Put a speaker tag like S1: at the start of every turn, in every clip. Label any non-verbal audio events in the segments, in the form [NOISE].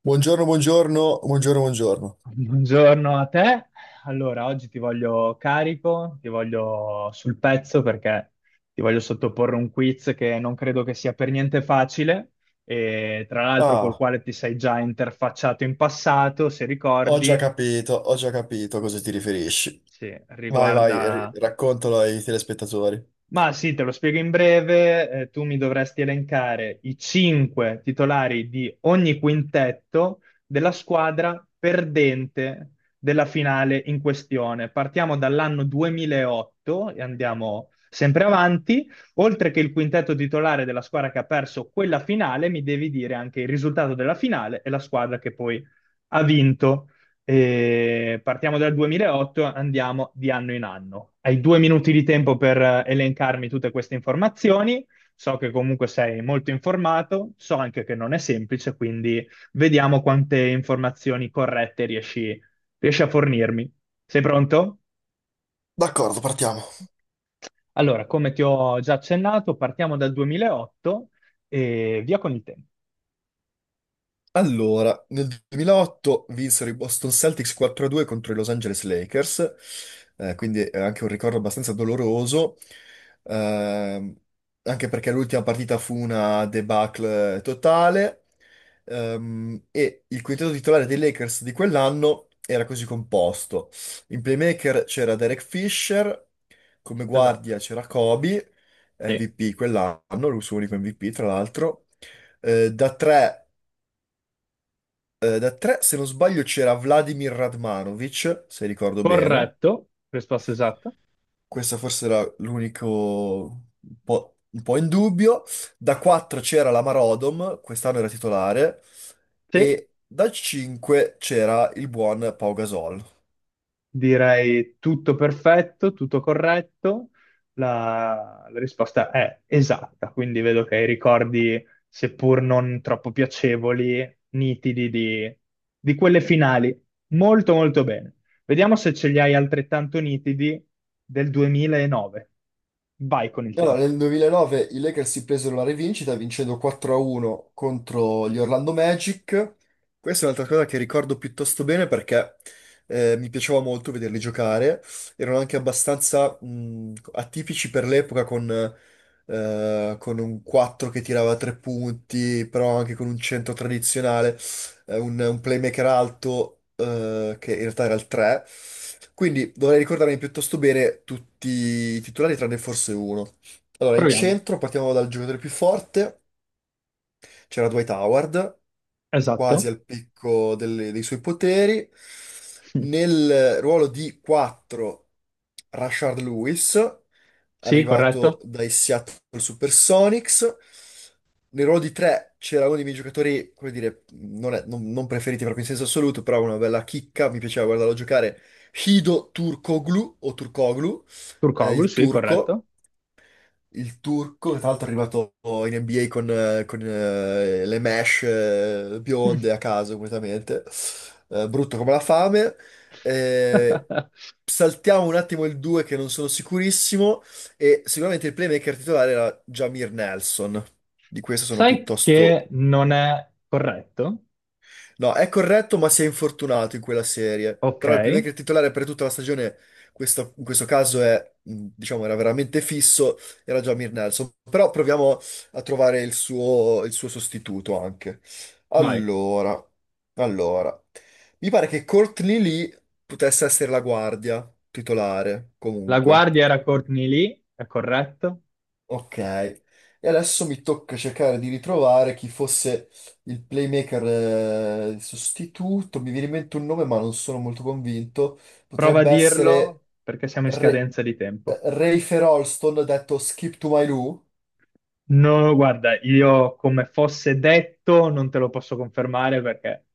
S1: Buongiorno, buongiorno, buongiorno, buongiorno.
S2: Buongiorno a te. Allora, oggi ti voglio carico, ti voglio sul pezzo perché ti voglio sottoporre un quiz che non credo che sia per niente facile e tra l'altro col
S1: Ah,
S2: quale ti sei già interfacciato in passato, se
S1: ho già
S2: ricordi,
S1: capito, a cosa ti riferisci.
S2: sì,
S1: Vai, vai,
S2: riguarda.
S1: raccontalo ai telespettatori.
S2: Ma sì, te lo spiego in breve. Tu mi dovresti elencare i 5 titolari di ogni quintetto della squadra perdente della finale in questione. Partiamo dall'anno 2008 e andiamo sempre avanti. Oltre che il quintetto titolare della squadra che ha perso quella finale, mi devi dire anche il risultato della finale e la squadra che poi ha vinto. E partiamo dal 2008, andiamo di anno in anno. Hai 2 minuti di tempo per elencarmi tutte queste informazioni. So che comunque sei molto informato, so anche che non è semplice, quindi vediamo quante informazioni corrette riesci a fornirmi. Sei pronto?
S1: D'accordo, partiamo.
S2: Allora, come ti ho già accennato, partiamo dal 2008 e via con il tempo.
S1: Allora, nel 2008 vinsero i Boston Celtics 4-2 contro i Los Angeles Lakers. Quindi è anche un ricordo abbastanza doloroso, ehm, anche perché l'ultima partita fu una debacle totale. E il quintetto titolare dei Lakers di quell'anno era così composto. In playmaker c'era Derek Fisher, come
S2: Esatto.
S1: guardia c'era Kobe,
S2: Sì.
S1: MVP quell'anno, il suo unico MVP tra l'altro. Da 3 da tre, se non sbaglio, c'era Vladimir Radmanovic, se ricordo bene.
S2: Corretto, risposta esatta.
S1: Questa forse era l'unico un po' in dubbio. Da quattro c'era la Marodom, quest'anno era titolare.
S2: Sì.
S1: E da cinque c'era il buon Pau Gasol.
S2: Direi tutto perfetto, tutto corretto. La risposta è esatta, quindi vedo che hai ricordi, seppur non troppo piacevoli, nitidi di quelle finali. Molto, molto bene. Vediamo se ce li hai altrettanto nitidi del 2009. Vai con il
S1: Allora,
S2: tempo.
S1: nel 2009 i Lakers si presero la rivincita vincendo 4-1 contro gli Orlando Magic. Questa è un'altra cosa che ricordo piuttosto bene perché mi piaceva molto vederli giocare. Erano anche abbastanza atipici per l'epoca con un 4 che tirava 3 punti, però anche con un centro tradizionale, un playmaker alto che in realtà era il 3. Quindi dovrei ricordarmi piuttosto bene tutti i titolari tranne forse uno. Allora, in
S2: Proviamo.
S1: centro partiamo dal giocatore più forte, c'era Dwight Howard, quasi
S2: Esatto.
S1: al picco dei suoi poteri.
S2: [LAUGHS]
S1: Nel ruolo di 4, Rashard Lewis,
S2: Sì,
S1: arrivato
S2: corretto.
S1: dai Seattle Supersonics. Nel ruolo di 3 c'era uno dei miei giocatori, come dire, non, è- non- non preferiti proprio in senso assoluto, però una bella chicca, mi piaceva guardarlo giocare, Hido Turkoglu, o Turkoglu,
S2: Turkoglu,
S1: il
S2: sì,
S1: turco,
S2: corretto.
S1: che tra l'altro è arrivato in NBA con, le mesh bionde a
S2: [LAUGHS]
S1: caso completamente, brutto come la fame. Eh, Saltiamo un attimo il 2 che non sono sicurissimo e sicuramente il playmaker titolare era Jamir Nelson, di questo sono
S2: Sai che
S1: piuttosto…
S2: non è corretto?
S1: No, è corretto, ma si è infortunato in quella serie.
S2: Ok,
S1: Però il playmaker titolare per tutta la stagione, in questo caso è, diciamo, era veramente fisso, era Jamir Nelson. Però proviamo a trovare il suo sostituto anche.
S2: vai.
S1: Allora, allora, mi pare che Courtney Lee potesse essere la guardia titolare,
S2: La
S1: comunque.
S2: guardia era Courtney Lee, è corretto.
S1: Ok, e adesso mi tocca cercare di ritrovare chi fosse il playmaker sostituto. Mi viene in mente un nome, ma non sono molto convinto.
S2: Prova a
S1: Potrebbe essere
S2: dirlo perché siamo in
S1: Re-
S2: scadenza di tempo.
S1: Rayfer Alston, detto Skip to My Lou.
S2: No, guarda, io come fosse detto non te lo posso confermare perché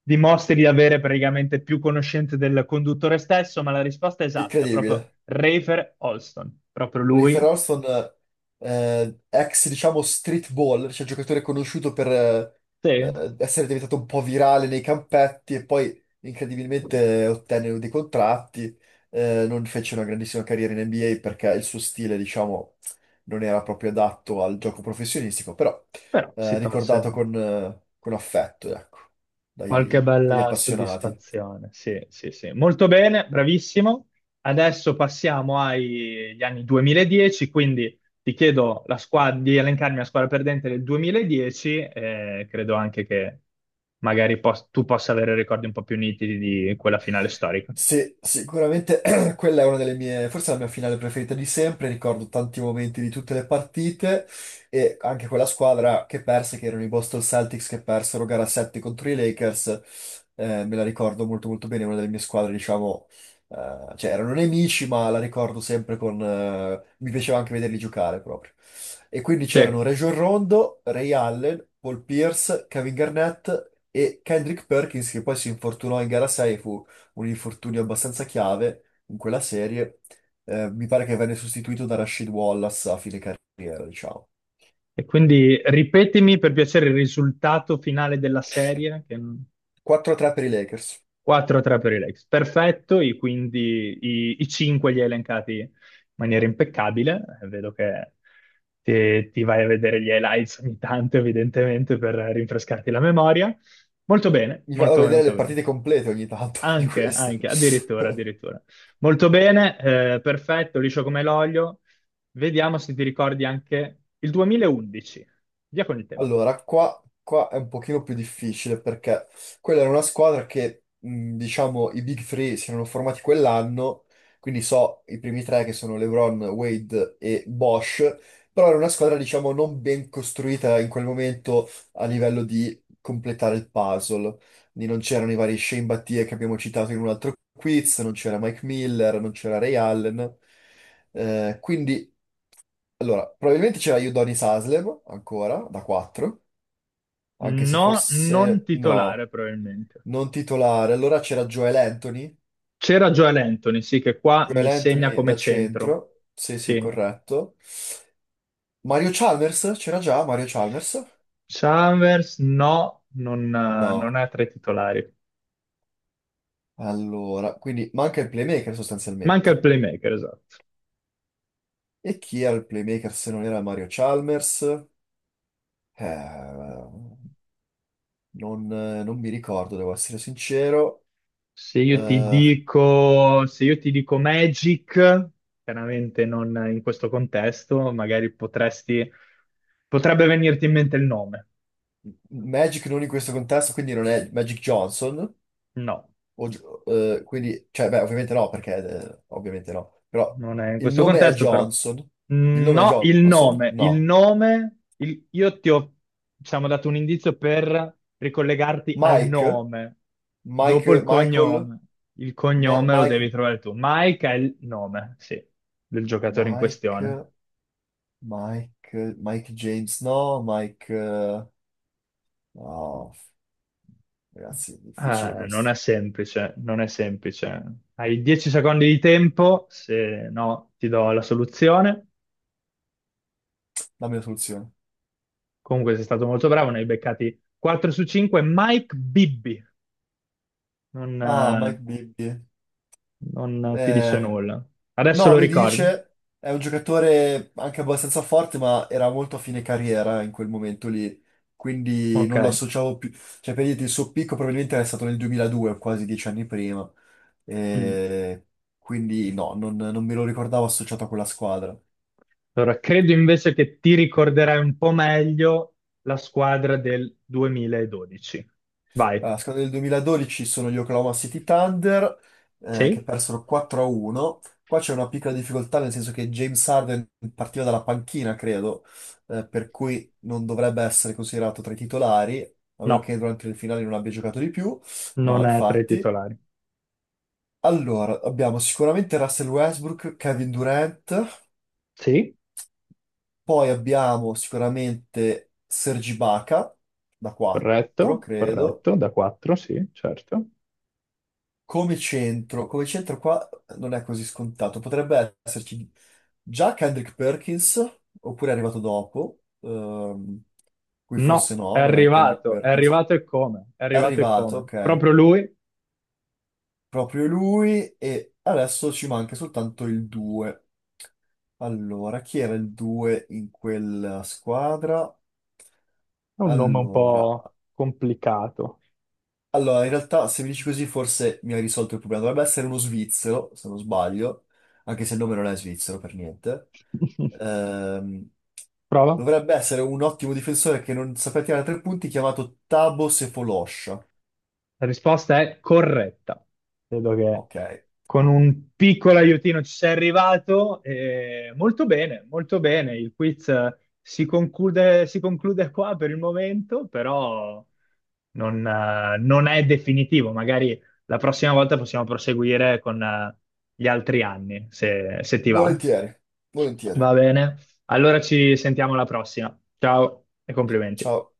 S2: dimostri di avere praticamente più conoscenze del conduttore stesso, ma la risposta è esatta,
S1: Incredibile.
S2: proprio Rafer Olston, proprio
S1: Refer
S2: lui.
S1: Alston, ex, diciamo, street ball, cioè giocatore conosciuto per
S2: Sì,
S1: essere diventato un po' virale nei campetti e poi incredibilmente ottenne dei contratti. Non fece una grandissima carriera in NBA perché il suo stile, diciamo, non era proprio adatto al gioco professionistico, però
S2: però si tolse.
S1: ricordato con affetto, ecco,
S2: Qualche
S1: dagli
S2: bella
S1: appassionati.
S2: soddisfazione, sì, sì, sì. Molto bene, bravissimo. Adesso passiamo agli anni 2010, quindi ti chiedo la squadra, di elencarmi la squadra perdente del 2010, credo anche che magari tu possa avere ricordi un po' più nitidi di quella finale storica.
S1: Sì, sicuramente [CLEARS THROAT] quella è una delle mie, forse la mia finale preferita di sempre, ricordo tanti momenti di tutte le partite e anche quella squadra che perse, che erano i Boston Celtics che persero gara 7 contro i Lakers. Me la ricordo molto molto bene, è una delle mie squadre, diciamo, cioè erano nemici, ma la ricordo sempre con mi piaceva anche vederli giocare proprio. E quindi
S2: Sì.
S1: c'erano Rajon Rondo, Ray Allen, Paul Pierce, Kevin Garnett e Kendrick Perkins, che poi si infortunò in gara 6, un infortunio abbastanza chiave in quella serie. Mi pare che venne sostituito da Rashid Wallace a fine carriera, diciamo.
S2: E quindi ripetimi per piacere il risultato finale della serie, che
S1: 4-3 per i Lakers.
S2: 4-3 per i Lakers, perfetto, quindi i 5 li hai elencati in maniera impeccabile. Vedo che ti vai a vedere gli highlights ogni tanto evidentemente per rinfrescarti la memoria. Molto bene,
S1: Mi vado a
S2: molto
S1: vedere le
S2: molto bene,
S1: partite complete ogni tanto [LAUGHS] di
S2: anche,
S1: questo.
S2: anche, addirittura,
S1: [LAUGHS]
S2: addirittura. Molto bene, perfetto, liscio come l'olio, vediamo se ti ricordi anche il 2011, via con il tempo.
S1: Allora, qua è un pochino più difficile perché quella era una squadra che, diciamo, i Big Three si erano formati quell'anno, quindi so i primi tre che sono LeBron, Wade e Bosch, però era una squadra, diciamo, non ben costruita in quel momento a livello di completare il puzzle. Quindi non c'erano i vari Shane Battier che abbiamo citato in un altro quiz, non c'era Mike Miller, non c'era Ray Allen. Eh, quindi, allora, probabilmente c'era Udonis Haslem ancora, da 4, anche se
S2: No, non
S1: forse no,
S2: titolare probabilmente.
S1: non titolare. Allora c'era Joel Anthony,
S2: C'era Joel Anthony, sì, che qua
S1: Joel
S2: mi segna
S1: Anthony
S2: come
S1: da
S2: centro.
S1: centro, sì sì,
S2: Sì.
S1: corretto. Mario Chalmers, c'era già Mario Chalmers?
S2: Chalmers, no, non
S1: No,
S2: è tra i titolari.
S1: allora, quindi manca il playmaker
S2: Manca il
S1: sostanzialmente.
S2: playmaker, esatto.
S1: E chi era il playmaker se non era Mario Chalmers? Eh, non mi ricordo, devo essere sincero.
S2: Se io ti
S1: Eh,
S2: dico, se io ti dico Magic, chiaramente non in questo contesto, magari potrebbe venirti in mente il nome.
S1: Magic non in questo contesto, quindi non è Magic Johnson.
S2: No.
S1: O gi- quindi, cioè, beh, ovviamente no, perché ovviamente no. Però
S2: Non è in
S1: il
S2: questo
S1: nome è
S2: contesto, però.
S1: Johnson. Il
S2: Mm,
S1: nome è
S2: no, il
S1: Johnson?
S2: nome, il
S1: No.
S2: nome, il- io ti ho, diciamo, dato un indizio per ricollegarti al
S1: Mike?
S2: nome,
S1: Mike,
S2: dopo il
S1: Michael?
S2: cognome. Il
S1: Ma-
S2: cognome lo
S1: Mike,
S2: devi trovare tu. Mike è il nome, sì, del giocatore in
S1: Mike,
S2: questione.
S1: Mike James? No, Mike. Oh, ragazzi, è difficile questo.
S2: Non è semplice. Hai 10 secondi di tempo, se no ti do la soluzione.
S1: Dammi la soluzione.
S2: Comunque sei stato molto bravo, ne hai beccati 4 su 5. Mike Bibby. Non,
S1: Ah, Mike
S2: eh,
S1: Bibby.
S2: non ti dice
S1: Eh,
S2: nulla. Adesso
S1: No,
S2: lo
S1: mi
S2: ricordi?
S1: dice, è un giocatore anche abbastanza forte, ma era molto a fine carriera in quel momento lì, quindi
S2: Ok.
S1: non lo associavo più. Cioè, per dirti, il suo picco probabilmente era stato nel 2002, quasi dieci anni prima,
S2: Mm.
S1: e quindi non me lo ricordavo associato a quella squadra.
S2: Allora, credo invece che ti ricorderai un po' meglio la squadra del 2012. Vai.
S1: Allora, la squadra del 2012 sono gli Oklahoma City Thunder, che
S2: Sì?
S1: persero 4-1. Qua c'è una piccola difficoltà, nel senso che James Harden partiva dalla panchina, credo, per cui non dovrebbe essere considerato tra i titolari, a meno
S2: No,
S1: che durante il finale non abbia giocato di più. No,
S2: non è tra i
S1: infatti.
S2: titolari.
S1: Allora, abbiamo sicuramente Russell Westbrook, Kevin Durant,
S2: Sì,
S1: poi abbiamo sicuramente Sergi Baca da 4, credo.
S2: corretto, da 4, sì, certo.
S1: Come centro, qua non è così scontato. Potrebbe esserci già Kendrick Perkins, oppure è arrivato dopo. Qui forse
S2: No,
S1: no, non è Kendrick
S2: è
S1: Perkins.
S2: arrivato e come, è
S1: È
S2: arrivato e
S1: arrivato,
S2: come.
S1: ok,
S2: Proprio lui ha
S1: proprio lui e adesso ci manca soltanto il 2. Allora, chi era il 2 in quella squadra?
S2: un nome un
S1: Allora,
S2: po' complicato.
S1: In realtà, se mi dici così, forse mi hai risolto il problema. Dovrebbe essere uno svizzero, se non sbaglio, anche se il nome non è svizzero per niente.
S2: [LAUGHS]
S1: Ehm,
S2: Prova.
S1: Dovrebbe essere un ottimo difensore che non sapeva tirare tre punti, chiamato Tabo Sefolosha.
S2: La risposta è corretta. Credo che
S1: Ok,
S2: con un piccolo aiutino ci sei arrivato. E molto bene, molto bene. Il quiz si conclude qua per il momento, però non è definitivo. Magari la prossima volta possiamo proseguire con gli altri anni, se ti va.
S1: volentieri, volentieri.
S2: Va bene. Allora ci sentiamo alla prossima. Ciao e complimenti.
S1: Ciao.